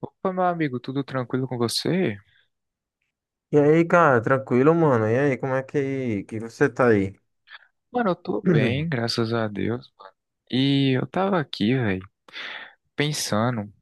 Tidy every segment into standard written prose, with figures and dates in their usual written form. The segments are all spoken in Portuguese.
Opa, meu amigo, tudo tranquilo com você? E aí, cara, tranquilo, mano? E aí, como é que você tá aí? Mano, eu tô bem, graças a Deus. E eu tava aqui, velho, pensando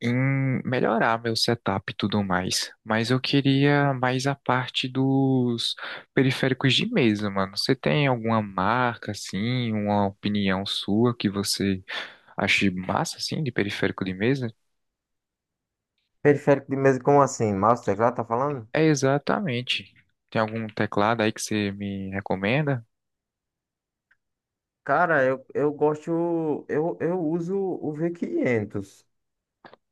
em melhorar meu setup e tudo mais. Mas eu queria mais a parte dos periféricos de mesa, mano. Você tem alguma marca, assim, uma opinião sua que você ache massa, assim, de periférico de mesa? Periférico de mesa, como assim? Mouse, teclado, tá falando? É exatamente. Tem algum teclado aí que você me recomenda? Cara, eu gosto, eu uso o V500.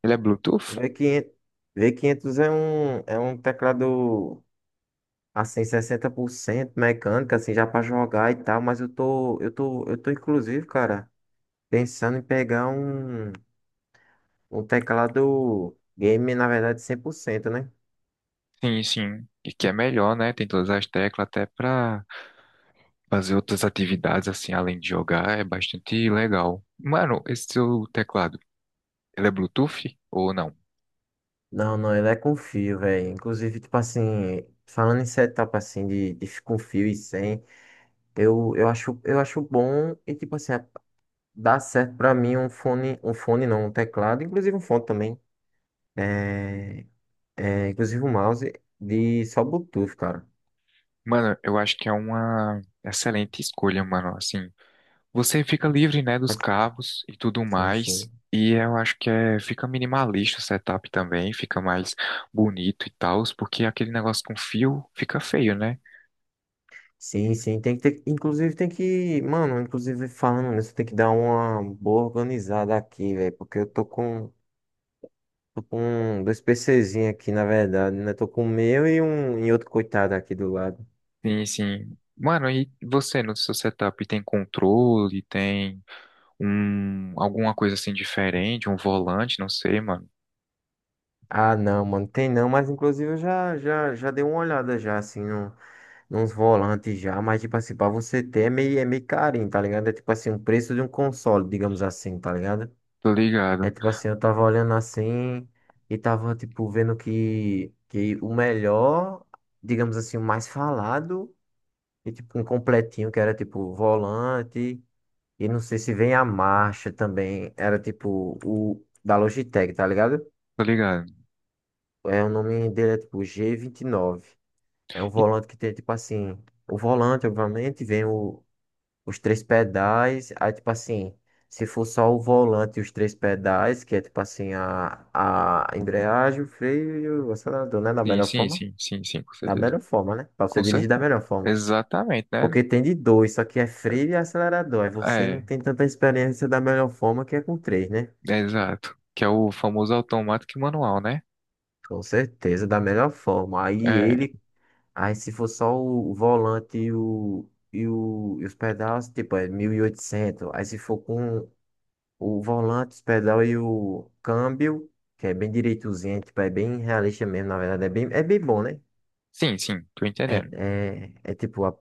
Ele é Bluetooth? V500, V500 é um teclado, assim, 60% mecânico, assim, já pra jogar e tal, mas eu tô, inclusive, cara, pensando em pegar um teclado game, na verdade, 100%, né? Sim, sim. E que é melhor, né? Tem todas as teclas até pra fazer outras atividades assim, além de jogar, é bastante legal. Mano, esse seu teclado, ele é Bluetooth ou não? Não, não, ele é com fio, velho. Inclusive, tipo assim, falando em setup assim de com fio e sem, eu acho bom e tipo assim, dá certo pra mim um fone não, um teclado, inclusive um fone também. É, é, inclusive um mouse de só Bluetooth, cara. Mano, eu acho que é uma excelente escolha, mano. Assim, você fica livre, né, dos Mas, cabos e tudo Sim, sim. mais. E eu acho que é, fica minimalista o setup também, fica mais bonito e tal, porque aquele negócio com fio fica feio, né? Sim, sim, tem que ter, inclusive tem que, mano, inclusive falando nisso, tem que dar uma boa organizada aqui, velho, porque eu tô com Tô com dois PCzinhos aqui, na verdade, né? Tô com o meu e um e outro coitado aqui do lado. Sim, sim. Mano, e você no seu setup tem controle, tem um alguma coisa assim diferente, um volante, não sei, mano. Ah, não, mano, tem não, mas inclusive eu já dei uma olhada já, assim, no, nos volantes já, mas tipo assim, pra você ter é meio carinho, tá ligado? É tipo assim, o preço de um console, digamos assim, tá ligado? Tô É ligado, tipo assim, eu tava olhando assim e tava, tipo, vendo que o melhor, digamos assim, o mais falado, e tipo, um completinho que era tipo volante. E não sei se vem a marcha também. Era tipo o da Logitech, tá ligado? tô ligado. É, o nome dele é tipo G29. É um E- volante que tem tipo assim. O volante, obviamente, vem os três pedais. Aí, tipo assim, se for só o volante e os três pedais, que é tipo assim, a embreagem, o freio e o acelerador, né? Da sim, melhor sim, forma. sim, sim, sim, com Da certeza. melhor forma, né? Pra você Com dirigir da certeza. melhor forma. Exatamente, né? Porque tem de dois, só que é freio e acelerador. Aí você não É, tem tanta experiência da melhor forma que é com três, né? é exato. Que é o famoso automático e manual, né? Com certeza, da melhor forma. É, Aí se for só volante e os pedais, tipo, é 1.800. Aí se for com o volante, os pedal e o câmbio, que é bem direitozinho, tipo, é bem realista mesmo, na verdade, é bem bom, né? sim, sim, tô É, entendendo. é, é tipo,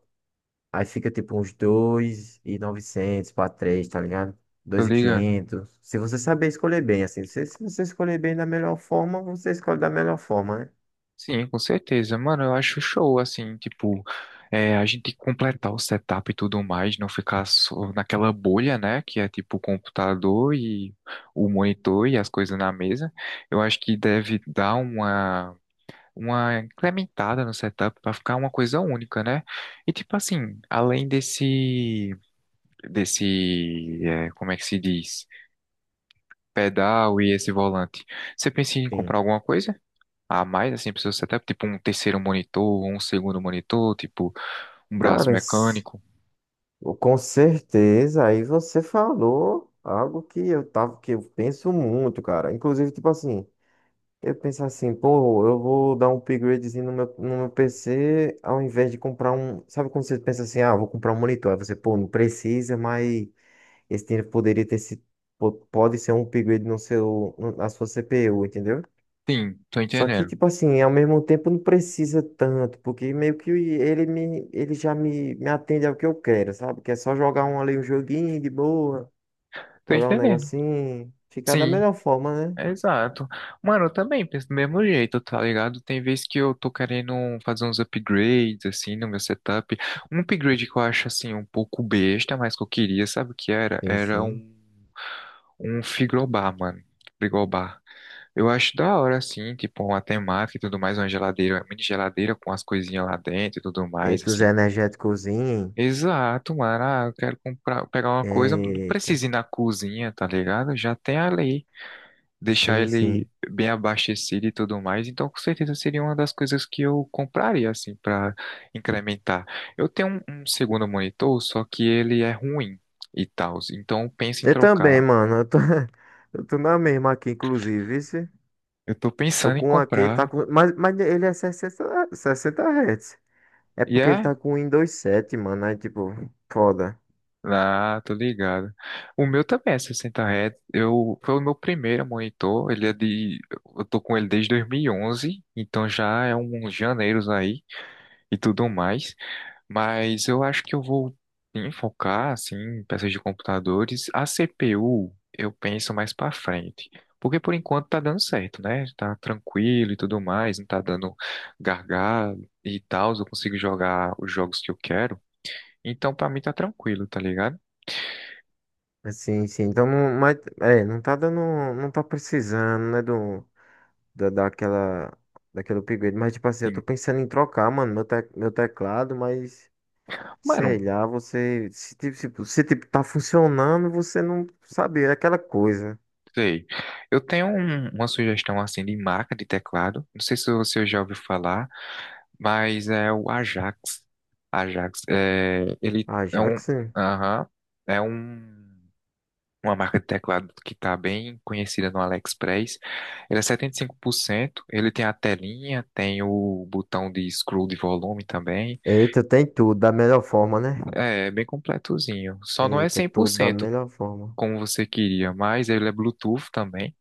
aí fica tipo uns 2.900 para três, tá ligado? Tô dois e ligado. quinhentos Se você saber escolher bem, assim, se você escolher bem da melhor forma, você escolhe da melhor forma, né? Sim, com certeza. Mano, eu acho show, assim, tipo, é, a gente completar o setup e tudo mais, não ficar só naquela bolha, né? Que é tipo o computador e o monitor e as coisas na mesa. Eu acho que deve dar uma incrementada no setup para ficar uma coisa única, né? E tipo assim, além desse, desse, é, como é que se diz? Pedal e esse volante. Você pensa em comprar Sim. alguma coisa? A mais, assim, pro seu setup, tipo um terceiro monitor, ou um segundo monitor, tipo um braço Caras, mecânico. com certeza, aí você falou algo que que eu penso muito, cara. Inclusive, tipo assim, eu penso assim, pô, eu vou dar um upgradezinho no meu PC, ao invés de comprar um. Sabe quando você pensa assim, ah, vou comprar um monitor? Aí você, pô, não precisa, mas esse dinheiro poderia ter sido. Pode ser um upgrade no seu, no- na sua CPU, entendeu? Sim, tô Só que, entendendo. tipo assim, ao mesmo tempo não precisa tanto, porque meio que ele já me atende ao que eu quero, sabe? Que é só jogar um ali, um joguinho de boa, Tô jogar um entendendo. negocinho, ficar da Sim, melhor forma, né? exato. Mano, eu também penso do mesmo jeito, tá ligado? Tem vezes que eu tô querendo um, fazer uns upgrades, assim, no meu setup. Um upgrade que eu acho, assim, um pouco besta, mas que eu queria, sabe o que era? Sim, Era sim. um, um frigobar, mano. Frigobar. Eu acho da hora, assim, tipo, uma temática e tudo mais, uma geladeira, uma mini geladeira com as coisinhas lá dentro e tudo mais, Eita, os assim. energéticozinho. Exato, mano. Ah, eu quero comprar, pegar uma coisa, não Eita, precisa ir na cozinha, tá ligado? Já tem ali, deixar sim, sim. ele bem abastecido e tudo mais. Então, com certeza seria uma das coisas que eu compraria assim para incrementar. Eu tenho um, um segundo monitor, só que ele é ruim e tal. Então, eu penso em Eu também, trocar. mano, eu tô, eu tô na mesma aqui, inclusive, vice. Eu tô Tô pensando em com aquele, comprar mas ele é sessenta Hz. É e porque ele é. tá com o Windows 7, mano, aí tipo, foda. Ah, tô ligado. O meu também é 60 Hz. Eu, foi o meu primeiro monitor. Ele é de. Eu tô com ele desde 2011. Então já é uns janeiros aí e tudo mais. Mas eu acho que eu vou sim, focar assim, em peças de computadores. A CPU eu penso mais pra frente. Porque por enquanto tá dando certo, né? Tá tranquilo e tudo mais, não tá dando gargalo e tal. Eu consigo jogar os jogos que eu quero. Então pra mim tá tranquilo, tá ligado? Sim, sim. Então, não, mas, é, não tá dando, não tá precisando, né, da, daquela, daquele upgrade. Mas, tipo assim, eu tô Sim. pensando em trocar, mano, meu teclado, mas, sei Mano, lá, você, se, tipo, se, tipo, tá funcionando, você não sabe, é aquela coisa. sei. Eu tenho um- uma sugestão assim de marca de teclado. Não sei se você já ouviu falar. Mas é o Ajax. Ajax, é, ele Ah, é já um, que sim. aham, é um, uma marca de teclado que está bem conhecida no AliExpress. Ele é 75%, ele tem a telinha, tem o botão de scroll de volume também. Eita, tem tudo, da melhor forma, né? É, é bem completozinho. Só não é Eita, tudo da 100% melhor forma. como você queria, mas ele é Bluetooth também.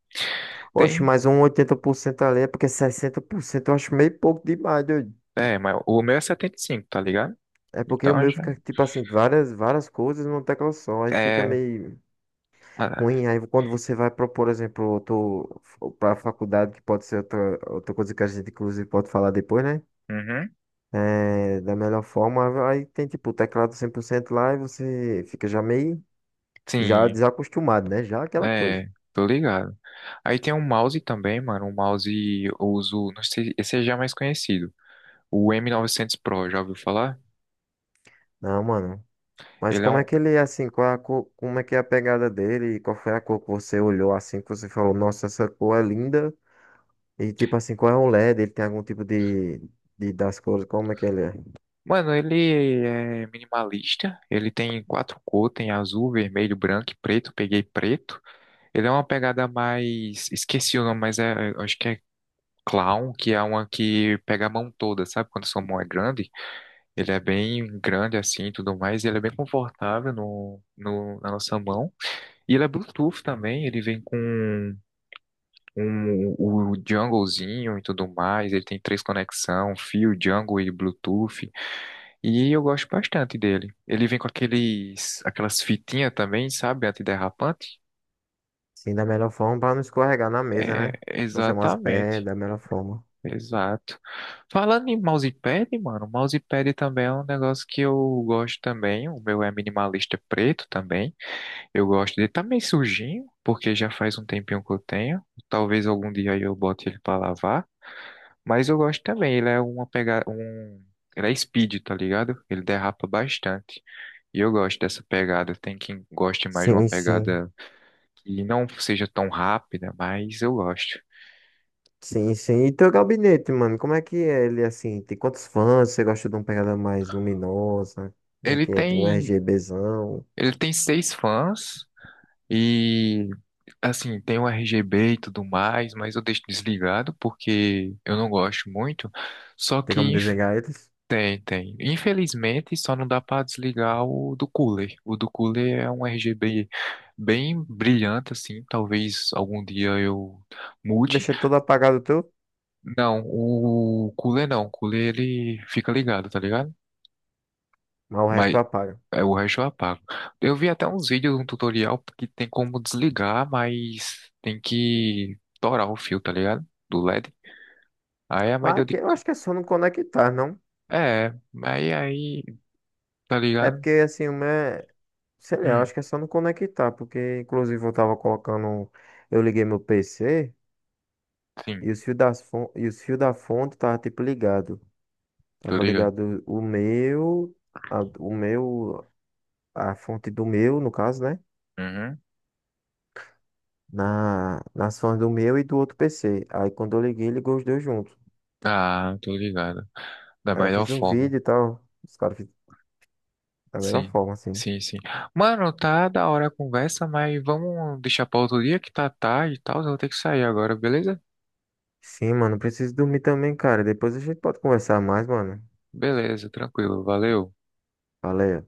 Oxe, Tem, mas um 80% ali é porque 60% eu acho meio pouco demais, doido. é, mas o meu é 75, tá ligado? É porque o Então meu já fica, tipo assim, várias, várias coisas numa tecla só. Aí fica é, meio ah, ruim. Aí quando você vai propor, por exemplo, outro, para faculdade, que pode ser outra, outra coisa que a gente, inclusive, pode falar depois, né? uhum, É, da melhor forma, aí tem, tipo, o teclado 100% lá e você fica já meio, já sim, desacostumado, né? Já aquela coisa. é, tô ligado. Aí tem um mouse também, mano. Um mouse eu uso, não sei, esse é já é mais conhecido. O M900 Pro, já ouviu falar? Não, mano. Mas Ele é como um, é que ele é assim? Qual é a como é que é a pegada dele? E qual foi a cor que você olhou assim, que você falou, nossa, essa cor é linda? E tipo assim, qual é o LED? Ele tem algum tipo de das cores, como é que ele é? mano, ele é minimalista. Ele tem quatro cores, tem azul, vermelho, branco e preto. Peguei preto. Ele é uma pegada mais, esqueci o nome, mas é, eu acho que é Clown, que é uma que pega a mão toda, sabe? Quando sua mão é grande, ele é bem grande assim, e tudo mais. Ele é bem confortável no, no, na nossa mão. E ele é Bluetooth também, ele vem com um, o junglezinho e tudo mais, ele tem três conexões, fio, jungle e Bluetooth. E eu gosto bastante dele. Ele vem com aqueles, aquelas fitinhas também, sabe, antiderrapante? Sim, da melhor forma para não escorregar na mesa, É, né? Não ser umas pés, exatamente, da melhor forma. exato. Falando em mousepad, mano, mousepad também é um negócio que eu gosto também, o meu é minimalista preto também. Eu gosto dele. Tá meio sujinho, porque já faz um tempinho que eu tenho. Talvez algum dia aí eu bote ele pra lavar. Mas eu gosto também. Ele é uma pegada. Um... Ele é speed, tá ligado? Ele derrapa bastante. E eu gosto dessa pegada. Tem quem goste mais de uma Sim, sim. pegada que não seja tão rápida, mas eu gosto. Sim, sim. E teu gabinete, mano, como é que é ele assim? Tem quantos fãs? Você gosta de uma pegada mais luminosa? Como é Ele que é? De um tem. RGBzão? Ele tem seis fãs. E. Assim, tem o RGB e tudo mais, mas eu deixo desligado porque eu não gosto muito. Só Tem como que, desenhar eles? tem, tem. Infelizmente, só não dá para desligar o do cooler. O do cooler é um RGB bem brilhante, assim. Talvez algum dia eu mude. Deixa tudo apagado tu, Não, o cooler não. O cooler ele fica ligado, tá ligado? mas o resto tu Mas apaga. é, o resto eu apago. Eu vi até uns vídeos, um tutorial que tem como desligar, mas tem que torar o fio, tá ligado? Do LED. Aí é mais Mas deu de. aqui eu C- acho que é só não conectar, não? É, aí, aí, tá É ligado? porque assim, o meu. Sei lá, eu Hum, acho que é só não conectar, porque inclusive eu tava colocando. Eu liguei meu PC sim, e os fios e os fios da fonte tava tipo ligado. tô Tava ligado. ligado o meu, a- o meu, a fonte do meu, no caso, né? Uhum. Nas fontes do meu e do outro PC. Aí quando eu liguei, ligou os dois juntos. Ah, tô ligado. Da Aí eu melhor fiz um forma. vídeo e tal. Os caras fizeram da melhor Sim, forma, assim. sim, sim. Mano, tá da hora a conversa, mas vamos deixar pra outro dia que tá tarde e tal. Eu vou ter que sair agora, beleza? Sim, mano, preciso dormir também, cara. Depois a gente pode conversar mais, mano. Beleza, tranquilo. Valeu. Valeu.